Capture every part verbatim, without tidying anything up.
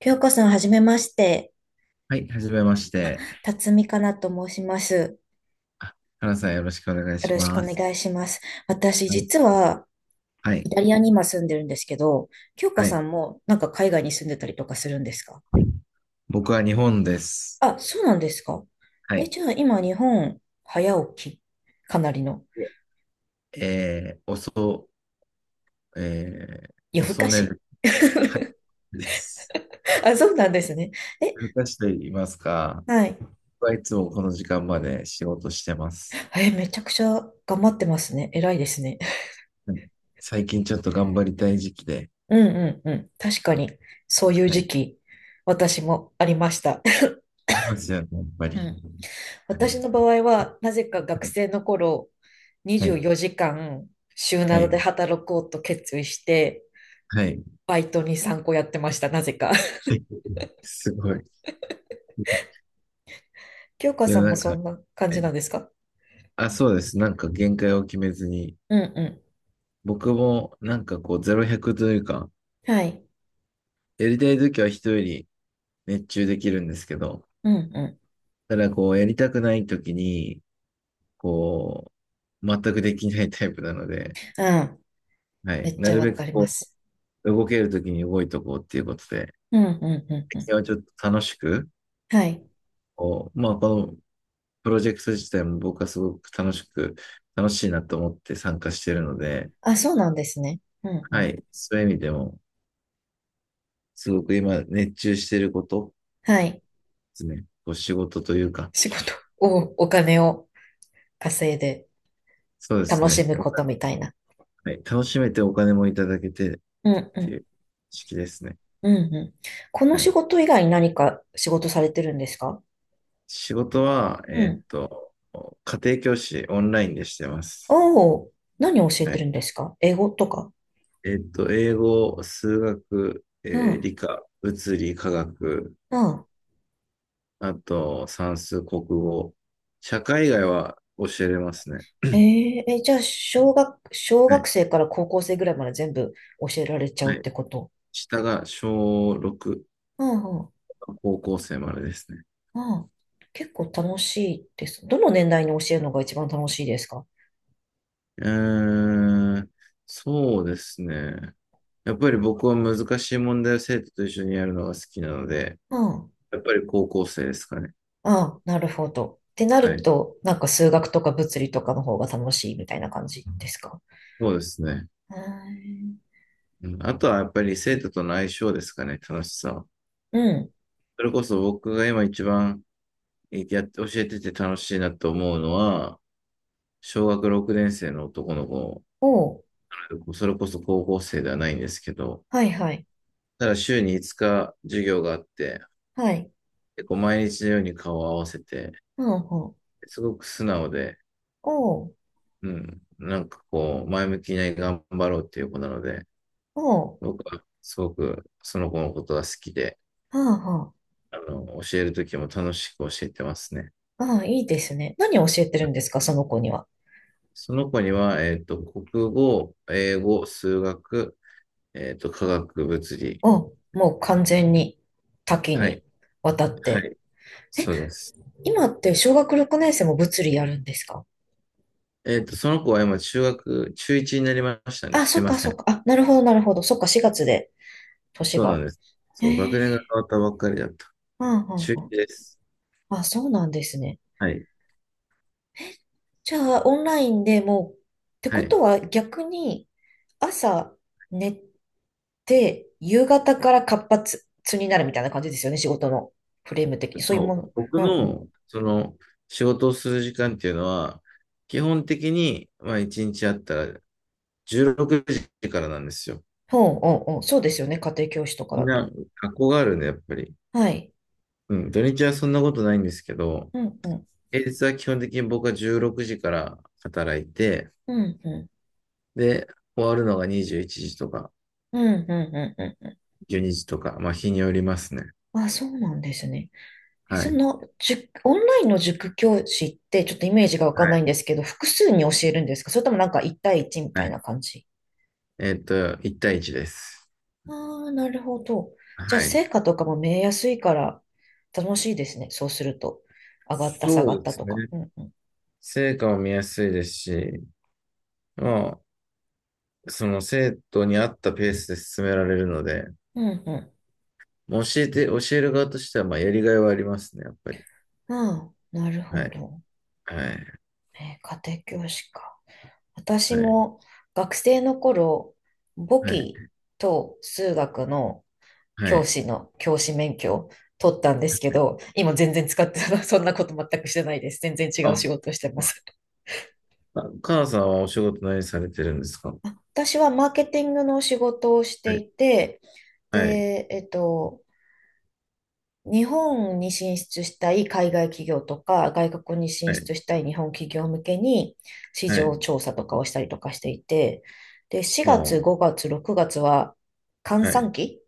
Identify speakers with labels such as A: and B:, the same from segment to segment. A: ひょうこさん、はじめまして。
B: はい、はじめまして。
A: 辰巳かなと申します。
B: あ、原さんよろしくお願い
A: よ
B: し
A: ろしくお
B: ます。
A: 願いします。私、
B: はい、
A: 実は、
B: は
A: イ
B: い、
A: タリアに今住んでるんですけど、ひょうこ
B: はい。
A: さんも、なんか海外に住んでたりとかするんですか？
B: 僕は日本です。
A: あ、そうなんですか。
B: は
A: え、
B: い。
A: じゃあ、今、日本、早起き、かなりの、
B: ええー、遅、え
A: 夜
B: ー、
A: 更
B: 遅
A: か
B: 寝
A: し。
B: る、はい、です。
A: あ、そうなんですね。え、
B: 昔と言いますか、
A: はい。
B: 僕はいつもこの時間まで仕事してます。
A: え、めちゃくちゃ頑張ってますね。偉いですね。
B: はい、最近ちょっと頑張りたい時期で、
A: うんうんうん。確かに、そういう
B: はい。
A: 時
B: い
A: 期、私もありました。
B: ますよね、やっぱ
A: う
B: り。
A: ん、
B: は
A: 私
B: い、
A: の場合は、なぜか学
B: はい、
A: 生の頃、
B: は
A: 24
B: い、
A: 時間、週
B: は
A: などで
B: い。
A: 働こうと決意して、
B: はい
A: バイトに参考やってました、なぜか。
B: はいすごい。
A: 京香
B: 世
A: さ
B: の
A: んも
B: 中、
A: そ
B: は
A: んな感じ
B: い、
A: なんですか？
B: あ、そうです。なんか限界を決めずに、
A: うんう
B: 僕もなんかこうゼロひゃくというか、
A: ん。はい。
B: やりたい時は人より熱中できるんですけど、
A: うんう
B: ただこうやりたくない時に、こう、全くできないタイプなので、
A: ん。うん。
B: は
A: め
B: い。
A: っ
B: な
A: ちゃ
B: る
A: わ
B: べ
A: か
B: く
A: りま
B: こ
A: す。
B: う、動ける時に動いとこうっていうことで、
A: うんうんうん
B: 最
A: うん。
B: 近はちょっと楽しく、
A: はい。
B: こう、まあこのプロジェクト自体も僕はすごく楽しく、楽しいなと思って参加してるので、
A: あ、そうなんですね。うんう
B: は
A: ん。
B: い。そういう意味でも、すごく今熱中してること、
A: はい。
B: ですね。お仕事というか、
A: 仕事を、お金を稼いで
B: そうです
A: 楽し
B: ね。
A: む
B: お
A: こ
B: 金、
A: とみたいな。
B: はい、楽しめてお金もいただけてっ
A: うんう
B: てい
A: ん。
B: う式ですね。
A: うんうん。この
B: は
A: 仕
B: い、
A: 事以外に何か仕事されてるんですか？
B: 仕事は、
A: う
B: えーっ
A: ん、
B: と、家庭教師オンラインでしてます。
A: おお、何を教え
B: は
A: て
B: い、
A: るんですか？英語とか？
B: えーっと、英語、数学、
A: う
B: えー
A: ん、
B: 理科、物理、化学、
A: うん。
B: あと算数、国語、社会以外は教えれますね。
A: えー、え、じゃあ、小学、小
B: は
A: 学
B: い。
A: 生から高校生ぐらいまで全部教えられちゃ
B: は
A: うっ
B: い。
A: てこと？
B: 下が小しょうろく、
A: うんうん、
B: 高校生までですね。
A: うん。結構楽しいです。どの年代に教えるのが一番楽しいですか？
B: えー、そうですね。やっぱり僕は難しい問題を生徒と一緒にやるのが好きなので、
A: うん、
B: やっぱり高校生ですかね。
A: ああ、なるほど。ってな
B: は
A: る
B: い。
A: と、なんか数学とか物理とかの方が楽しいみたいな感じですか？
B: そうですね。
A: へー、
B: うん、あとはやっぱり生徒との相性ですかね、楽しさは。
A: うん。
B: それこそ僕が今一番えやって教えてて楽しいなと思うのは、小学ろくねん生の男の子、
A: おう。
B: それこそ高校生ではないんですけど、
A: はいはい。
B: ただ週にいつか授業があって、
A: はい。
B: 結構毎日のように顔を合わせて、
A: うんうん。
B: すごく素直で、
A: おう。
B: うん。なんかこう、前向きに頑張ろうっていう子なので、
A: おう。
B: 僕はすごくその子のことが好きで、
A: はあは、
B: あの、教えるときも楽しく教えてますね。
A: ああ、いいですね。何を教えてるんですか、その子には。
B: その子には、えっと、国語、英語、数学、えっと、科学、物理。
A: あ、もう完全に多岐
B: はい。
A: にわたっ
B: は
A: て。
B: い。そうです。
A: 今って小学ろくねんせい生も物理やるんですか？
B: えっと、その子は今、中学、中ちゅういちになりましたね。
A: あ、
B: す
A: そ
B: い
A: っ
B: ま
A: か
B: せ
A: そっ
B: ん。
A: か。あ、なるほどなるほど。そっか、しがつで、年
B: そうな
A: が。
B: んです。
A: へ
B: そう、学年が
A: え。
B: 変わったばっかりだった。中
A: うんうんうん。
B: ちゅういちです。
A: あ、そうなんですね。
B: はい。
A: じゃあ、オンラインでもう、って
B: は
A: こと
B: い。
A: は逆に、朝寝て、夕方から活発になるみたいな感じですよね、仕事のフレーム的に。そういうも
B: そう、
A: の。
B: 僕
A: うん、
B: の、その、仕事をする時間っていうのは、基本的に、まあ、いちにちあったらじゅうろくじからなんですよ。
A: ほう、う、おう、そうですよね。家庭教師とか
B: み
A: だ
B: ん
A: と。
B: な、学校があるんで、やっぱり。
A: はい。
B: うん、土日はそんなことないんですけど、
A: うん、うん、
B: 平日は基本的に僕はじゅうろくじから働いて、
A: うん、うん、
B: で、終わるのがにじゅういちじとか、
A: うん、うん、うん。うん、
B: じゅうにじとか、まあ、日によりますね。
A: あ、そうなんですね。え、
B: は
A: そ
B: い。
A: の、塾、オンラインの塾教師って、ちょっとイメージがわ
B: は
A: かんない
B: い。
A: んですけど、複数に教えるんですか？それともなんか一対一み
B: は
A: たい
B: い。
A: な感じ？
B: えっと、いち対いちです。
A: あ、あ、なるほど。じゃあ、
B: はい。
A: 成果とかも見えやすいから、楽しいですね。そうすると。上がった、下が
B: そう
A: っ
B: で
A: たと
B: すね。
A: か。うん、うん、
B: 成果も見やすいですし、まあ、その生徒に合ったペースで進められるので、
A: うん、う
B: 教えて、教える側としては、まあ、やりがいはありますね、やっぱり。
A: ん。ああ、なるほ
B: はい。
A: ど。
B: はい。
A: えー、家庭教師か。私
B: はい。
A: も学生の頃、簿
B: はい。
A: 記と数学の
B: は
A: 教
B: い。
A: 師の教師免許を取ったんですけど、今全然使って そんなこと全くしてないです。全然違う
B: あ、
A: 仕事をしてます。
B: カナさんはお仕事何されてるんですか？
A: 私はマーケティングの仕事をし
B: は
A: て
B: い。
A: いて、
B: はい。
A: で、えっと、日本に進出したい海外企業とか、外国に
B: は
A: 進
B: い。
A: 出したい日本企業向けに市
B: は
A: 場
B: い。
A: 調査とかをしたりとかしていて、で、
B: お
A: 4
B: ー
A: 月、ごがつ、ろくがつは閑
B: は
A: 散
B: い。
A: 期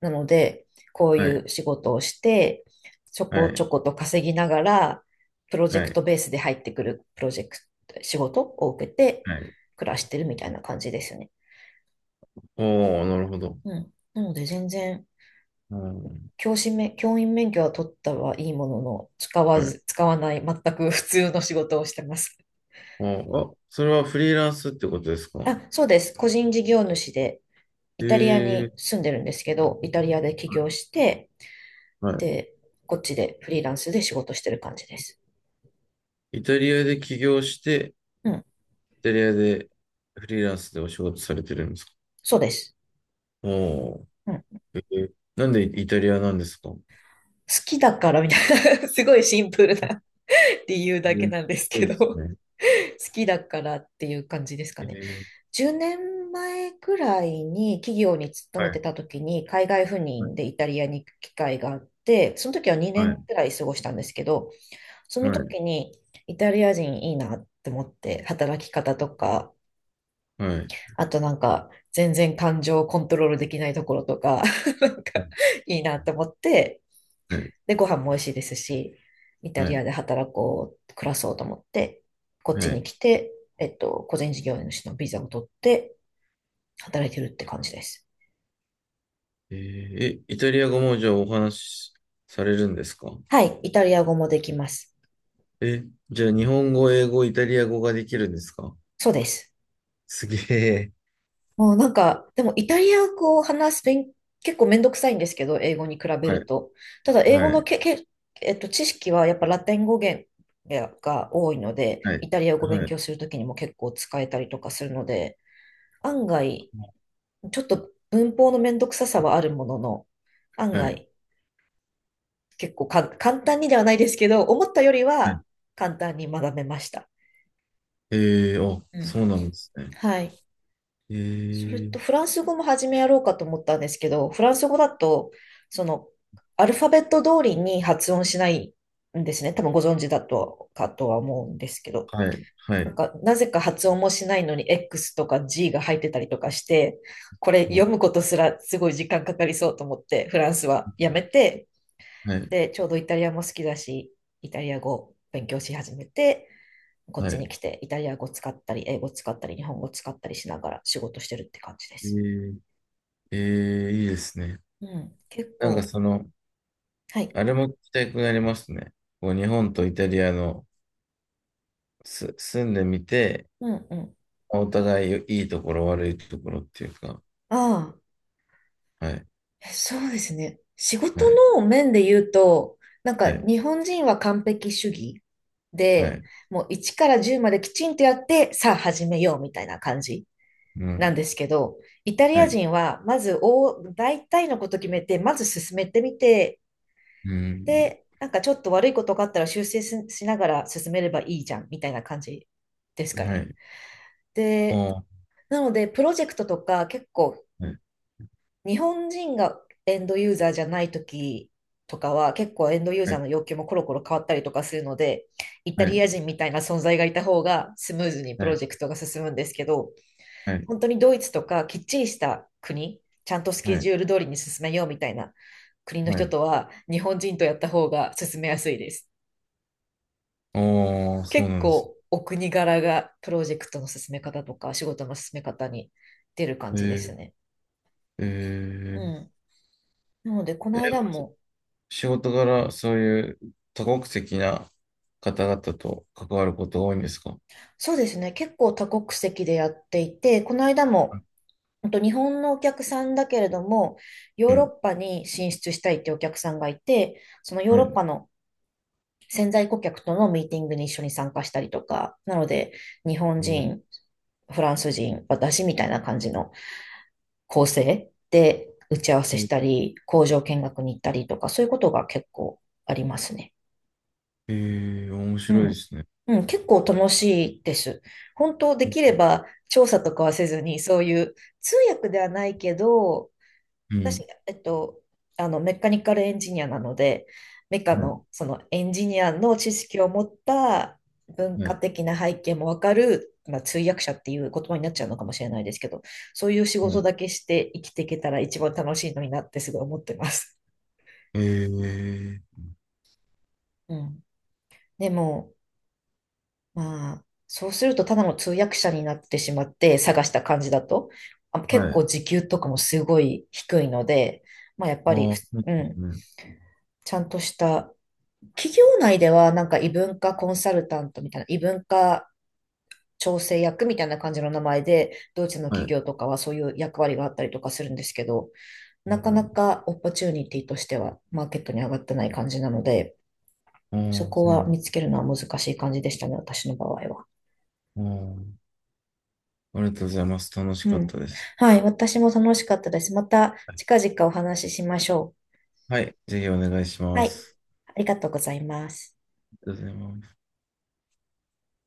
A: なので、こうい
B: はい。
A: う仕事をして、ちょこ
B: は
A: ち
B: い。
A: ょこと稼ぎながら、プロジェ
B: は
A: ク
B: い。
A: トベースで入ってくるプロジェクト、仕事を受けて
B: はい。
A: 暮らしてるみたいな感じですね。
B: おー、なるほど。
A: うん。なので全然
B: うん。
A: 教師免、教員免許は取ったはいいものの、使わ
B: はい。
A: ず、使わない、全く 普通の仕事をしてます。
B: おー、あ、それはフリーランスってことですか？
A: あ、そうです。個人事業主で、イタリア
B: ええ
A: に
B: ー。
A: 住んでるんですけど、イタリアで起業して、
B: は
A: で、こっちでフリーランスで仕事してる感じです。
B: い。イタリアで起業して、
A: うん、
B: イタリアでフリーランスでお仕事されてるんですか？
A: そうです。
B: おー、
A: うん、好
B: えーなんでイタリアなんですか？え
A: きだからみたいな すごいシンプルな 理由だけ
B: ーす
A: なんです
B: ごい
A: け
B: で
A: ど、
B: す
A: 好
B: ね。
A: きだからっていう感じですか
B: え
A: ね。
B: ー、
A: じゅうねんまえくらいに企業に勤
B: は
A: めて
B: い、
A: た時に海外赴任でイタリアに行く機会があって、その時は2
B: は
A: 年
B: い、
A: くらい過ごしたんですけど、そ
B: は
A: の
B: い、
A: 時にイタリア人いいなって思って働き方とか、
B: はい、
A: あとなんか全然感情をコントロールできないところとか、なん
B: はい、
A: かいいなって思って、
B: はい、
A: で、ご飯も美味しいですし、イタ
B: は
A: リ
B: い
A: アで働こう、暮らそうと思って、こっ
B: は
A: ちに
B: い
A: 来て、えっと、個人事業主のビザを取って働いてるって感じです。
B: えーえイタリア語もじゃあお話しされるんですか？
A: はい、イタリア語もできます。
B: え、じゃあ日本語、英語、イタリア語ができるんですか？
A: そうです。
B: すげえ。
A: もうなんか、でもイタリア語を話す勉、結構めんどくさいんですけど、英語に比べ
B: は
A: る
B: い、
A: と。ただ、英語
B: は
A: の
B: い、
A: け、け、えっと、知識はやっぱラテン語源が多いので、
B: は
A: イ
B: い、
A: タリア語勉
B: はい、
A: 強するときにも結構使えたりとかするので、案外、ちょっと文法のめんどくささはあるものの、案
B: はい、
A: 外、結構か簡単にではないですけど、思ったより
B: は
A: は
B: い。
A: 簡単に学べました。
B: えー、あ、
A: うん。
B: そうなんですね。
A: はい。
B: え
A: それ
B: ー、
A: とフランス語も始めやろうかと思ったんですけど、フランス語だと、その、アルファベット通りに発音しないんですね。多分ご存知だとかとは思うんですけど。
B: はい、は
A: なん
B: い、
A: か、なぜか発音もしないのに エックス とか ジー が入ってたりとかして、これ
B: は
A: 読
B: い、
A: むことすらすごい時間かかりそうと思って、フランスはやめて、
B: はい。
A: で、ちょうどイタリアも好きだし、イタリア語勉強し始めて、こっ
B: は
A: ちに
B: い。
A: 来てイタリア語使ったり、英語使ったり、日本語使ったりしながら仕事してるって感じで
B: え
A: す。
B: ー、えーいいですね。
A: うん。結
B: なんか
A: 構。
B: その、
A: はい。
B: あれも聞きたくなりますね。こう日本とイタリアのす住んでみて、
A: うんうん。
B: お互いいいところ、悪いところっていうか、
A: あ
B: はい、
A: あ、え、そうですね。仕事
B: はい、
A: の面で言うと、なんか
B: はい、
A: 日本人は完璧主義
B: は
A: で、
B: い、
A: もういちからじゅうまできちんとやって、さあ始めようみたいな感じ
B: う
A: な
B: ん、
A: んですけど、イタリ
B: は
A: ア
B: い、
A: 人はまず大、大体のこと決めて、まず進めてみて、
B: うん、
A: で、なんかちょっと悪いことがあったら修正ししながら進めればいいじゃんみたいな感じですか
B: は
A: ね。
B: い、お
A: で、
B: ー、
A: なので、プロジェクトとか結構
B: はい、
A: 日本人がエンドユーザーじゃない時とかは結構エンドユー
B: は
A: ザー
B: い、
A: の要求もコロコロ変わったりとかするので、イタ
B: は
A: リ
B: い、
A: ア人みたいな存在がいた方がスムーズにプ
B: は
A: ロ
B: い、
A: ジェクトが進むんですけど、
B: はい、
A: 本当にドイツとかきっちりした国、ちゃんとスケ
B: はい、
A: ジュール通りに進めようみたいな国の
B: は
A: 人
B: い
A: とは日本人とやった方が進めやすいです。
B: おー、そう
A: 結
B: なんです。
A: 構お国柄がプロジェクトの進め方とか仕事の進め方に出る感
B: え
A: じで
B: ー、
A: すね。
B: え
A: う
B: ー、
A: ん。なので、こ
B: え
A: の
B: ー
A: 間も
B: 仕事柄、そういう多国籍な方々と関わることが多いんですか？
A: そうですね。結構多国籍でやっていて、この間
B: あ、
A: も、本当日本のお客さんだけれども、ヨ
B: う
A: ーロッ
B: ん。
A: パに進出したいってお客さんがいて、そのヨー
B: は
A: ロッ
B: い。
A: パの潜在顧客とのミーティングに一緒に参加したりとか、なので、日本
B: うん、
A: 人、フランス人、私みたいな感じの構成で打ち合わせしたり、工場見学に行ったりとか、そういうことが結構ありますね。
B: ええー、面
A: う
B: 白いで
A: ん。
B: すね。
A: うん、結構楽しいです。本当できれ
B: う
A: ば調査とかはせずに、そういう通訳ではないけど、私、
B: ん。
A: えっと、あのメカニカルエンジニアなので、メカ
B: はい。
A: のそのエンジニアの知識を持った文
B: は
A: 化
B: い。
A: 的な背景もわかる、まあ、通訳者っていう言葉になっちゃうのかもしれないですけど、そういう仕
B: は
A: 事
B: い。
A: だけして生きていけたら一番楽しいのになってすごい思ってます。
B: ええー、
A: うん、でもまあ、そうするとただの通訳者になってしまって探した感じだと、あ、結
B: はい。ああ、
A: 構時給とかもすごい低いので、まあやっぱり、
B: そ
A: ふ
B: うで
A: うん、
B: すね。
A: ちゃんとした企業内ではなんか異文化コンサルタントみたいな、異文化調整役みたいな感じの名前で、ドイツの
B: は
A: 企
B: い。
A: 業とかはそういう役割があったりとかするんですけど、なかなかオポチュニティとしてはマーケットに上がってない感じなので、
B: あ
A: そ
B: あ、
A: こ
B: そうな
A: は
B: ん
A: 見つけるのは難しい感じでしたね、私の場合は。
B: あー、ありがとうございます。楽し
A: う
B: かっ
A: ん。
B: たです。
A: はい。私も楽しかったです。また
B: はい。
A: 近々お話ししましょ
B: はいぜひお願いし
A: う。は
B: ま
A: い。
B: す。
A: ありがとうございます。
B: ありがとうございます。